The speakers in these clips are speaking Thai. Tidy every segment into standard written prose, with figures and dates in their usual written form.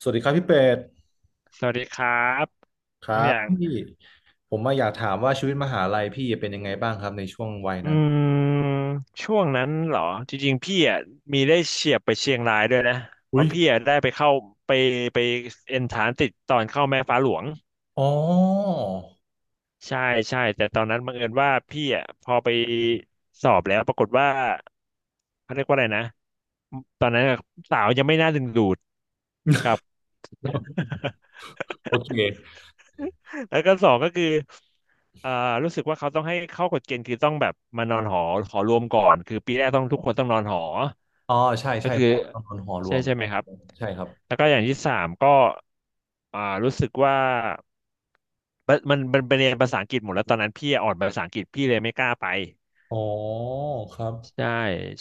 สวัสดีครับพี่เป็ดสวัสดีครับครัน้องอบย่างพี่ผมมาอยากถามว่าชีวิตมหาลัยพี่เป็นยังไงบ้างครับในช่วงวัยนะอืมช่วงนั้นเหรอจริงๆพี่อ่ะมีได้เฉียบไปเชียงรายด้วยนะเพอุ้ยราะพี่อ่ะได้ไปเข้าไปไปเอนทรานติดตอนเข้าแม่ฟ้าหลวงอ๋อ ใช่ใช่แต่ตอนนั้นบังเอิญว่าพี่อ่ะพอไปสอบแล้วปรากฏว่าเขาเรียกว่าอะไรนะตอนนั้นอะสาวยังไม่น่าดึงดูดครับ โอเคแล้วก็สองก็คืออ่ารู้สึกว่าเขาต้องให้เข้ากฎเกณฑ์คือต้องแบบมานอนหอหอรวมก่อนคือปีแรกต้องทุกคนต้องนอนหออ๋อใช่ก็ใช่คือหอตองนอนหอรใช่วมใช่ไหมครับใช่ครับแล้วก็อย่างที่สามก็รู้สึกว่ามันเป็นเรียนภาษาอังกฤษหมดแล้วตอนนั้นพี่อ่อนภาษาอังกฤษพี่เลยไม่กล้าไป อ๋อครับใช่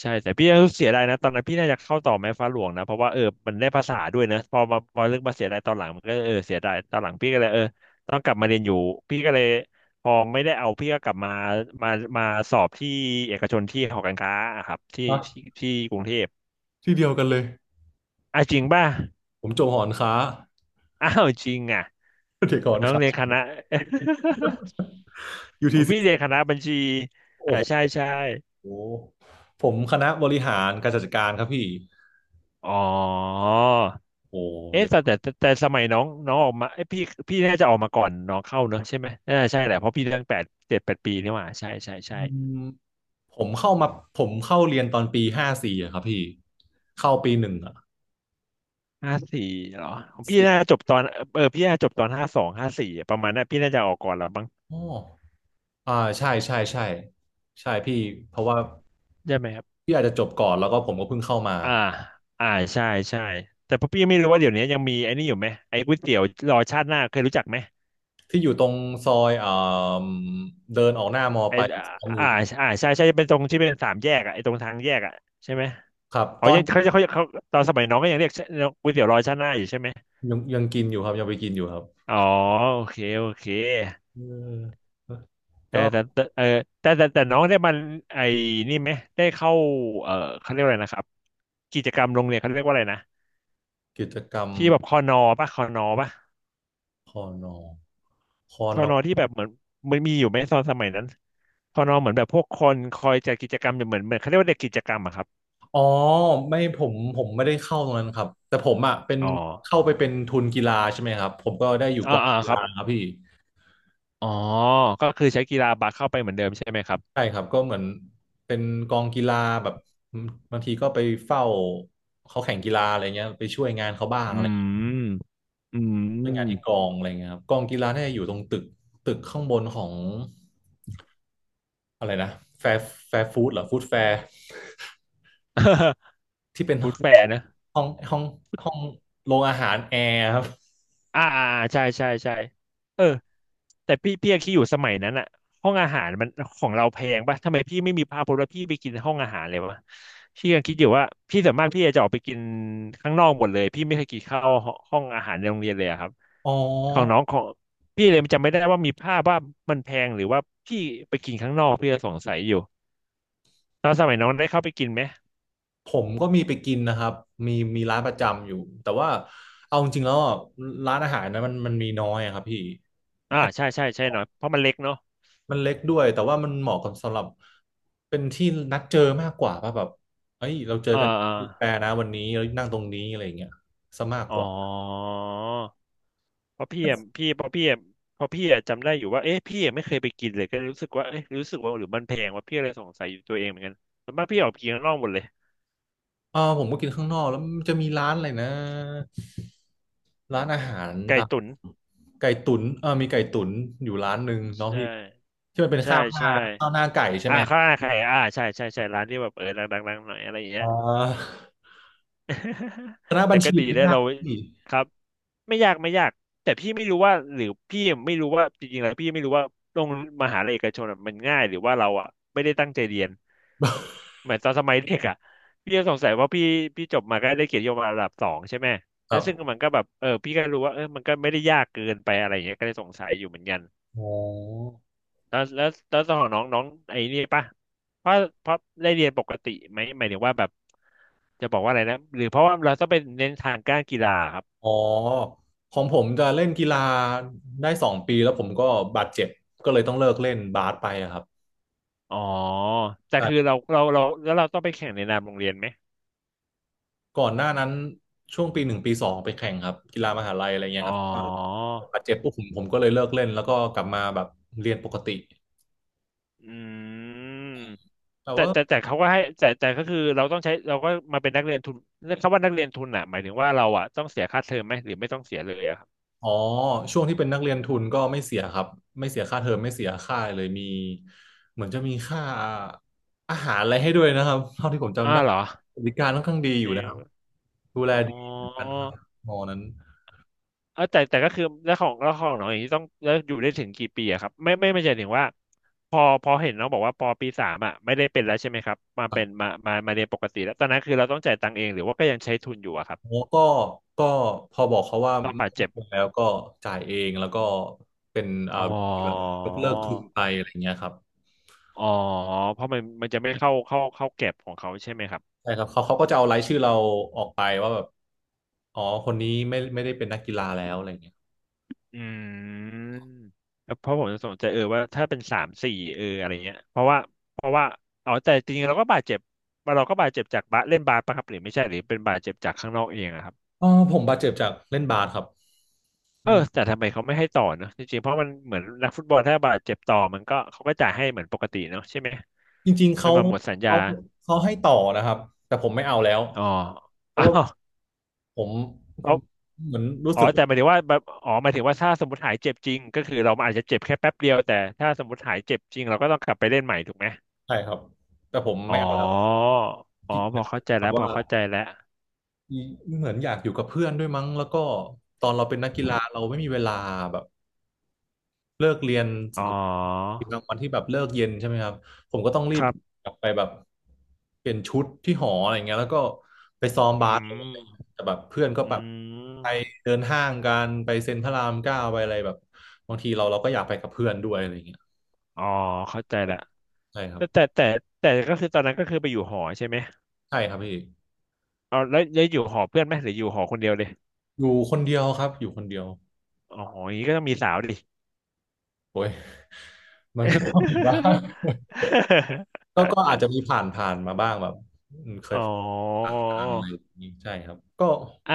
ใช่แต่พี่ก็เสียดายนะตอนนั้นพี่น่าจะเข้าต่อแม่ฟ้าหลวงนะเพราะว่าเออมันได้ภาษาด้วยนะพอมาพอเรืองมาเสียดายตอนหลังมันก็เออเสียดายตอนหลังพี่ก็เลยเออต้องกลับมาเรียนอยู่พี่ก็เลยพอไม่ได้เอาพี่ก็กลับมามามาสอบที่เอกชนที่หอการค้าอะครับที่ที่อ่ะที่กรุงเทพที่เดียวกันเลย อ่ะจริงป่ะ ผมจบหอนค้า อ้าวจริงอ่ะ เด็กหอนน้องค้า เรียนคณะ ผม UTC พี่เรียนคณะบัญชีโอ้อ่าใช่โหใช่ผมคณะบริหารการจัดการครับพี่อ๋อ โอ้เอ๊ะเด็กแต่สมัยน้องน้องออกมาเอ้ยพี่พี่น่าจะออกมาก่อนน้องเข้าเนอะใช่ไหมน่าใช่แหละเพราะพี่ตั้งแปดเจ็ดแปดปีนี่หว่าใช่ใช่ใช่อืมผมเข้ามาผมเข้าเรียนตอนปี 54อะครับพี่ เข้าปี 1อะ ห้าสี่เหรอของพี่สิบน่าจบตอนเออพี่น่าจบตอนห้าสองห้าสี่ประมาณนั้นพี่น่าจะออกก่อนแล้วบ้างอ๋ออ่าใช่ใช่ใช่ใช่พี่เพราะว่าใช่ไหมครับพี่อาจจะจบก่อนแล้วก็ผมก็เพิ่งเข้ามาอ่าอ่าใช่ใช่แต่พอพี่ไม่รู้ว่าเดี๋ยวนี้ยังมีไอ้นี่อยู่ไหมไอ้ก๋วยเตี๋ยวรอชาติหน้าเคยรู้จักไหมที่อยู่ตรงซอยเอ่มเดินออกหน้ามอไอ้ไปอ่าซ้ายมืออ่าใช่ใช่เป็นตรงที่เป็นสามแยกอ่ะไอ้ตรงทางแยกอ่ะใช่ไหมครับอ๋อตอยันงเขาจะเขาตอนสมัยน้องก็ยังเรียกก๋วยเตี๋ยวรอชาติหน้าอยู่ใช่ไหม ยังกินอยู่ครับยังไปกินอยู่ครับอ๋อโอเคโอเคเออเออก็แต่เออแต่น้องได้มันไอ้นี่ไหมได้เข้าเออเขาเรียกว่าอะไรนะครับกิจกรรมโรงเรียนเขาเรียกว่าอะไรนะกิจกรรมที่แบบคอนอป่ะคอนอป่ะคอนอคอคอนนออที่แบบเหมือนมันมีอยู่ไหมตอนสมัยนั้นคอนอเหมือนแบบพวกคนคอยจัดกิจกรรมเหมือนเขาเรียกว่าเด็กกิจกรรมอะครับอ๋อไม่ผมไม่ได้เข้าตรงนั้นครับแต่ผมอ่ะเป็นอ๋อเข้าไปเป็นทุนกีฬาใช่ไหมครับผมก็ได้อยู่กอ่าองอ่ากีครัฬาบครับพี่ อ๋อก็คือใช้กีฬาบาสเข้าไปเหมือนเดิมใช่ไหมครับใช่ครับก็เหมือนเป็นกองกีฬาแบบบางทีก็ไปเฝ้าเขาแข่งกีฬาอะไรเงี้ยไปช่วยงานเขาบ้างอือะไรเงี้ยมอืช่วยงานที่กม องอะไรเงี้ยครับกองกีฬาเนี่ยอยู่ตรงตึกข้างบนของอะไรนะแฟร์แฟร์ฟู้ดเหรอฟู้ดแฟร์ ที่เป็นพูดแฝนะ ห้องห้องห้องโรงอาหารแอร์ครับอ่าอ่าอ่าใช่ใช่ใช่เออแต่พี่พี่ยังคิดอยู่สมัยนั้นอะห้องอาหารมันของเราแพงปะทำไมพี่ไม่มีพาพจน์ว่าพี่ไปกินห้องอาหารเลยวะพี่ยังคิดอยู่ว่าพี่ส่วนมากพี่จะออกไปกินข้างนอกหมดเลยพี่ไม่เคยกินข้าวห้องอาหารในโรงเรียนเลยอะครับอ๋อของน้องของพี่เลยจำไม่ได้ว่ามีภาพว่ามันแพงหรือว่าพี่ไปกินข้างนอกพี่ก็สงสัยอยู่ตอนสมัยน้องได้เข้าไปกินไหมผมก็มีไปกินนะครับมีมีร้านประจำอยู่แต่ว่าเอาจริงๆแล้วอ่ะร้านอาหารนะมันมีน้อยอะครับพี่ อ่าใช่ใช่ใช่หน่อยเพราะมันเล็กเนาะมันเล็กด้วยแต่ว่ามันเหมาะกับสำหรับเป็นที่นัดเจอมากกว่าป่ะแบบเอ้ยเราเจออ่ากันอาที่แปรนะวันนี้เรานั่งตรงนี้อะไรอย่างเงี้ยซะมากอ๋กอ ว่าเพราะพี่อะพี่เพราะพี่อะเพราะพี่อะจำได้อยู่ว่าเอ๊ะพี่อะไม่เคยไปกินเลยก็เลยรู้สึกว่าเอ๊ะรู้สึกว่าหรือมันแพงว่าพี่อะไรสงสัยอยู่ตัวเองเหมือนกันส่วนมากพี่ออกไปกินข้างนอกหมดเลยผมก็กินข้างนอกแล้วมันจะมีร้านอะไรนะร้านอาหารไก่ตามตุ๋นไก่ตุ๋นเออมีไก่ตุ๋นอยู่ร้านหนึ่งเนาะใช่พี่ที่มันเป็นใช่ข้าวหน้าใช่ข้าวหน้าไก่ใช่อ่าไหมัข้าวหน้าไข่อ่าใช่ใช่ใช่ร้านที่แบบเออดังๆๆหน่อยอะไรอย่างเงี้อ่ย า คณะบัแต่ญก็ชีดีเนี่ยแล้วยากเราพี่ครับไม่ยากไม่ยากแต่พี่ไม่รู้ว่าหรือพี่ไม่รู้ว่าจริงๆแล้วพี่ไม่รู้ว่าโรงมหาลัยเอกชนอะมันง่ายหรือว่าเราอ่ะไม่ได้ตั้งใจเรียนเหมือนตอนสมัยเด็กอ่ะพี่ก็สงสัยว่าพี่พี่จบมาก็ได้เกียรตินิยศระดับสองใช่ไหมคแล้วรัซึ่งบมันก็แบบเออพี่ก็รู้ว่าเออมันก็ไม่ได้ยากเกินไปอะไรอย่างเงี้ยก็เลยสงสัยอยู่เหมือนกัน อ๋อ แล้วตอนของน้องน้องไอ้นี่ป่ะเพราะเพราะได้เรียนปกติไหมหมายถึงว่าแบบจะบอกว่าอะไรนะหรือเพราะว่าเราต้องไปเน้นทางการกีฬาครับอ๋อของผมจะเล่นกีฬาได้2 ปีแล้วผมก็บาดเจ็บก็เลยต้องเลิกเล่นบาสไปอะครับอ๋อแต่คือต่เราแล้วเราต้องไปแข่งในนามโรงเรียนไหมก่อนหน้านั้นช่วงปี 1 ปี 2ไปแข่งครับกีฬามหาลัยอะไรเงี้อ๋ยอครับบาดเจ็บปุ๊บผมก็เลยเลิกเล่นแล้วก็กลับมาแบบเรียนปกติอืมแต่แต่ว่าแต่แต่เขาก็ให้แต่ก็คือเราต้องใช้เราก็มาเป็นนักเรียนทุนคำว่านักเรียนทุนอ่ะหมายถึงว่าเราอ่ะต้องเสียค่าเทอมไหมหรือไม่ต้องเสียเลยอะครับอ๋อช่วงที่เป็นนักเรียนทุนก็ไม่เสียครับไม่เสียค่าเทอมไม่เสียค่าอะไรเลยมีเหมือนจะมีค่าอาหารอะไรให้ด้วยนะครับเท่าที่ผมจำอ้าได้วเหรอบริการค่อนข้างดีอจยู่รินะคงรับดูแลอ๋ดีเหมือนกันอ ครับมอนั้น เออแต่ก็คือแล้วของแล้วของน้องอย่างนี้ต้องแล้วอยู่ได้ถึงกี่ปีอะครับไม่ใช่ถึงว่าพอเห็นน้องบอกว่าปอปีสามอะไม่ได้เป็นแล้วใช่ไหมครับมาเป็นมาเรียนปกติแล้วตอนนั้นคือเราต้องจ่ายตังค์เองหรือว่าก็ยังใช้ทุนอยู่อะครับแล้ก็ก็พอบอกเขาว่าไม่เอาแล้วก็จ่ายเองแล้วก็เป็นอ๋อแบบยกเลิกทุนไปอะไรเงี้ยครับอ๋อเพราะมันจะไม่เข้าเก็บของเขาใช่ไหมครับใช่ครับเขาก็จะเอารายชื่อเราออกไปว่าแบบอ๋อคนนี้ไม่ได้เป็นนักกีฬาแล้วอะไรเงี้ยอืมแล้วเพราะผมจะสนใจเออว่าถ้าเป็นสามสี่เอออะไรเงี้ยเพราะว่าอ๋อแต่จริงๆเราก็บาดเจ็บเราก็บาดเจ็บจากบาสเล่นบาสปะครับหรือไม่ใช่หรือเป็นบาดเจ็บจากข้างนอกเองอะครับ เออผมบาดเจ็บจากเล่นบาสครับเออเป็นแต่ทำไมเขาไม่ให้ต่อเนอะจริงๆเพราะมันเหมือนนักฟุตบอลถ้าบาดเจ็บต่อมันก็เขาก็จ่ายให้เหมือนปกติเนอะใช่ไหมจริงๆจนมาหมดสัญญาเขาเขาให้ต่อนะครับแต่ผมไม่เอาแล้วอ๋อ เพ อ้าราะว่าวผเขามเหมือนรู้อ๋อสึกว่าแต่หมายถึงว่าแบบอ๋อหมายถึงว่าถ้าสมมติหายเจ็บจริงก็คือเราอาจจะเจ็บแค่แป๊บเดียวแต่ถ้าสมมติหายเจ็บจริงเราก็ต้องกลับไปเล่นใหม่ถูกไหมใช่ครับ แต่ผมอ๋ไม่อเอาแล้วอ๋อขี้พเกียอจเข้าใจแบแล้บวพว่า อเข้าใจแล้วเหมือนอยากอยู่กับเพื่อนด้วยมั้งแล้วก็ตอนเราเป็นนักกีฬาเราไม่มีเวลาแบบเลิกเรียนสอ๋อมมติทีมกลางวันที่แบบเลิกเย็นใช่ไหมครับผมก็ต้องรีคบรับกลับไปแบบเปลี่ยนชุดที่หออะไรเงี้ยแล้วก็ไปซ้อมบาอืสเลยมอะไรเงี้ยแต่แบบเพื่อนก็อืแบบไปมเดินห้างกันไปเซ็นพระราม 9ไปอะไรแบบบางทีเราเราก็อยากไปกับเพื่อนด้วยอะไรเงี้ยอ๋อเข้าใจแล้วใช่ครับแต่แต่ก็คือตอนนั้นก็คือไปอยู่หอใช่ไหม ใช่ครับพี่เอาแล้วอยู่หอเพื่อนไหมหรืออยู่หอคนเดียวเลยอยู่คนเดียวครับอยู่คนเดียวอ๋ออย่างนี้ก็ต้องมีสาวดิ โอ้ยมันก็ต้องอยู่บ้าง ก็อาจ จะมีผ่านมาบ้างแบบเคยอ๋อ ใช่ครับก็อ่ะ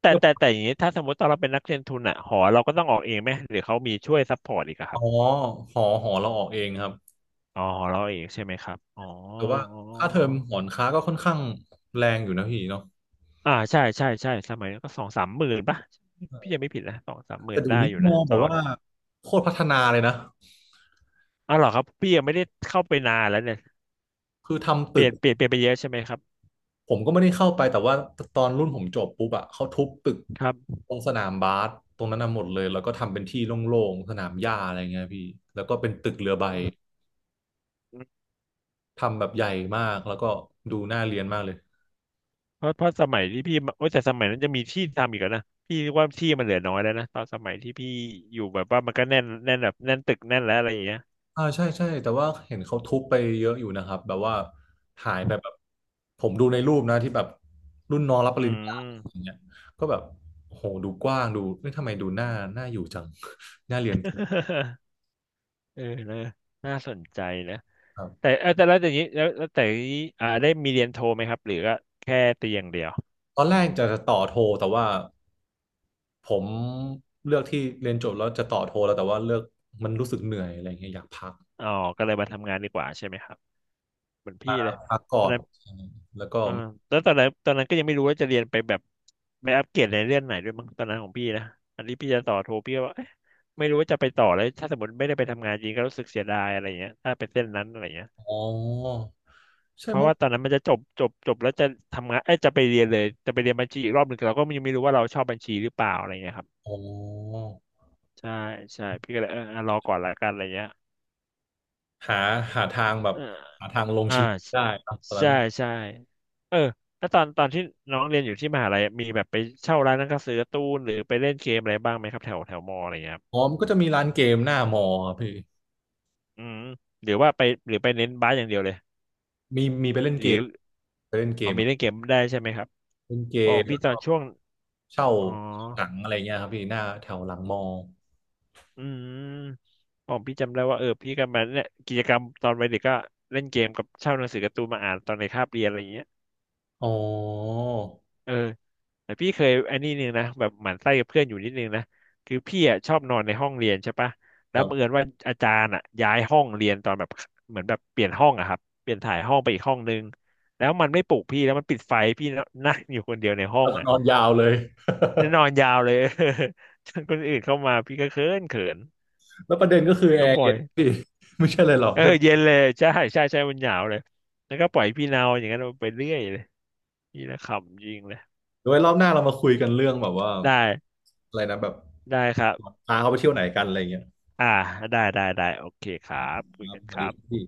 แต่เรื่องแต่แต่อย่างนี้ถ้าสมมติตอนเราเป็นนักเรียนทุนอะหอเราก็ต้องออกเองไหมหรือเขามีช่วยซัพพอร์ตอีกอะคอ๋รัอบหอเราออกเองครับอ๋อหอเราเองใช่ไหมครับอ๋อแต่ว่าค่าเทอมหอนค้าก็ค่อนข้างแรงอยู่นะพี่เนาะอ่าใช่สมัยนั้นก็สองสามหมื่นป่ะพี่ยังไม่ผิดนะสองสามหมื่แต่นเดี๋ยได้วนี้อยู่มนะองตแบอบนว่าโคตรพัฒนาเลยนะอ๋อเหรอครับพี่ยังไม่ได้เข้าไปนานแล้วเนี่ยคือทำเปตึลี่กยนเปลี่ยนเปลี่ยนไปเยอะใช่ไหมครับผมก็ไม่ได้เข้าไปแต่ว่าตอนรุ่นผมจบปุ๊บอะเขาทุบตึกครับตรงสนามบาสตรงนั้นน่ะหมดเลยแล้วก็ทำเป็นที่โล่งๆสนามหญ้าอะไรเงี้ยพี่แล้วก็เป็นตึกเรือใบอืม ทำแบบใหญ่มากแล้วก็ดูน่าเรียนมากเลย เพราะสมัยที่พี่มาโอ้ยแต่สมัยนั้นจะมีที่ทำอีกแล้วนะพี่ว่าที่มันเหลือน้อยแล้วนะตอนสมัยที่พี่อยู่แบบว่ามันก็แน่นแบบแน่นตึกแน่นแล้วอะไรอย่างเงี้ยอ่าใช่ใช่แต่ว่าเห็นเขาทุบไปเยอะอยู่นะครับแบบว่าหายไปแบบผมดูในรูปนะที่แบบรุ่นน้องรับปอืริญญาอย่างม เงี้ยก็แบบโอ้โหดูกว้างดูไม่ทำไมดูหน้าอยู่จัง น่าเรียน เออนะน่าสนใจนะครัแต่บเออแต่แล้วอย่างนี้แล้วแต่อย่างนี้อ่าได้มีเรียนโทไหมครับหรือก็แค่ตีอย่างเดียวตอนแรกจะต่อโทแต่ว่าผมเลือกที่เรียนจบแล้วจะต่อโทแล้วแต่ว่าเลือกมันรู้สึกเหนื่อยอะไรเงี้ยอยากพักอ๋อก็เลยมาทำงานดีกว่าใช่ไหมครับ เหมือนพี่เลยพักตก่ออนนนั้นใช่แล้วก็เออแล้วตอนนั้นก็ยังไม่รู้ว่าจะเรียนไปแบบไปอัปเกรดในเรื่องไหนด้วยมั้งตอนนั้นของพี่นะอันนี้พี่จะต่อโทพี่ก็ว่าเอ๊ะไม่รู้ว่าจะไปต่อแล้วถ้าสมมติไม่ได้ไปทำงานจริงก็รู้สึกเสียดายอะไรเงี้ยถ้าไปเส้นนั้นอะไรเงี้ยอ๋อใช่เพราะมั้งว่าตอนนั้นมันจะจบแล้วจะทำงานเอ้ยจะไปเรียนเลยจะไปเรียนบัญชีอีกรอบหนึ่งเราก็ยังไม่รู้ว่าเราชอบบัญชีหรือเปล่าอะไรเงี้ยครับอ๋อใช่ใช่พี่ก็เลยอ่ะรอก่อนละกันอะไรเงี้ยหาหาทางแบบเออ หาทางลงชีอ่าวิตได้นะตอนนั้ใช่น ใช่เออแล้วตอนที่น้องเรียนอยู่ที่มหาลัยมีแบบไปเช่าร้านหนังสือการ์ตูนหรือไปเล่นเกมอะไรบ้างไหมครับแถวแถวมออะไรเงี้ยครับอ๋อมันก็จะมีร้านเกมหน้ามอครับพี่อืมหรือว่าไปหรือไปเน้นบาสอย่างเดียวเลยมีไปเล่นหเกรืมอไปเล่นเกเอามมีเล่นเกมได้ใช่ไหมครับเล่นเกพราผมมพี่แล้วตอก็นช่วงเช่าอ๋อหนังอะไรเงี้ยครับพี่หน้าแถวหลังมออืมผมพี่จำได้ว่าพี่ก็มาเนี่ยกิจกรรมตอนวัยเด็กก็เล่นเกมกับเช่าหนังสือการ์ตูนมาอ่านตอนในคาบเรียนอะไรเงี้ยอ๋อเออ แต่พี่เคยไอันนี่นึงนะแบบหมั่นไส้กับเพื่อนอยู่นิดนึงนะคือพี่อ่ะชอบนอนในห้องเรียนใช่ปะแล้แบวบังเอิบญว่าอาจารย์อ่ะย้ายห้องเรียนตอนแบบเหมือนแบบเปลี่ยนห้องอะครับเปลี่ยนถ่ายห้องไปอีกห้องนึงแล้วมันไม่ปลุกพี่แล้วมันปิดไฟพี่นั่งอยู่คนเดียวในห้องอ่ะนอนยาวเลย แล้วนอนยาวเลย จนคนอื่นเข้ามาพี่ก็เขิน แล้วประเด็นก็คือแอก็ร์ปล่อเย็ยนพี่ ไม่ใช่เลยหรอกเออใช่ไหมเย็นเลยใช่มันหนาวเลยแล้วก็ปล่อยพี่เนาอย่างนั้นไปเรื่อยเลยนี่นะขำจริงเลยเดี๋ยวไว้รอบหน้าเรามาคุยกันเรื่องแบบว่าได้อะไรนะแบบได้ครับ พาเขาไปเที่ยวไหนกันอะไรเงี้ยอ่าได้โอเคครับคุคยรับกันสควัสรัดีบครับพี่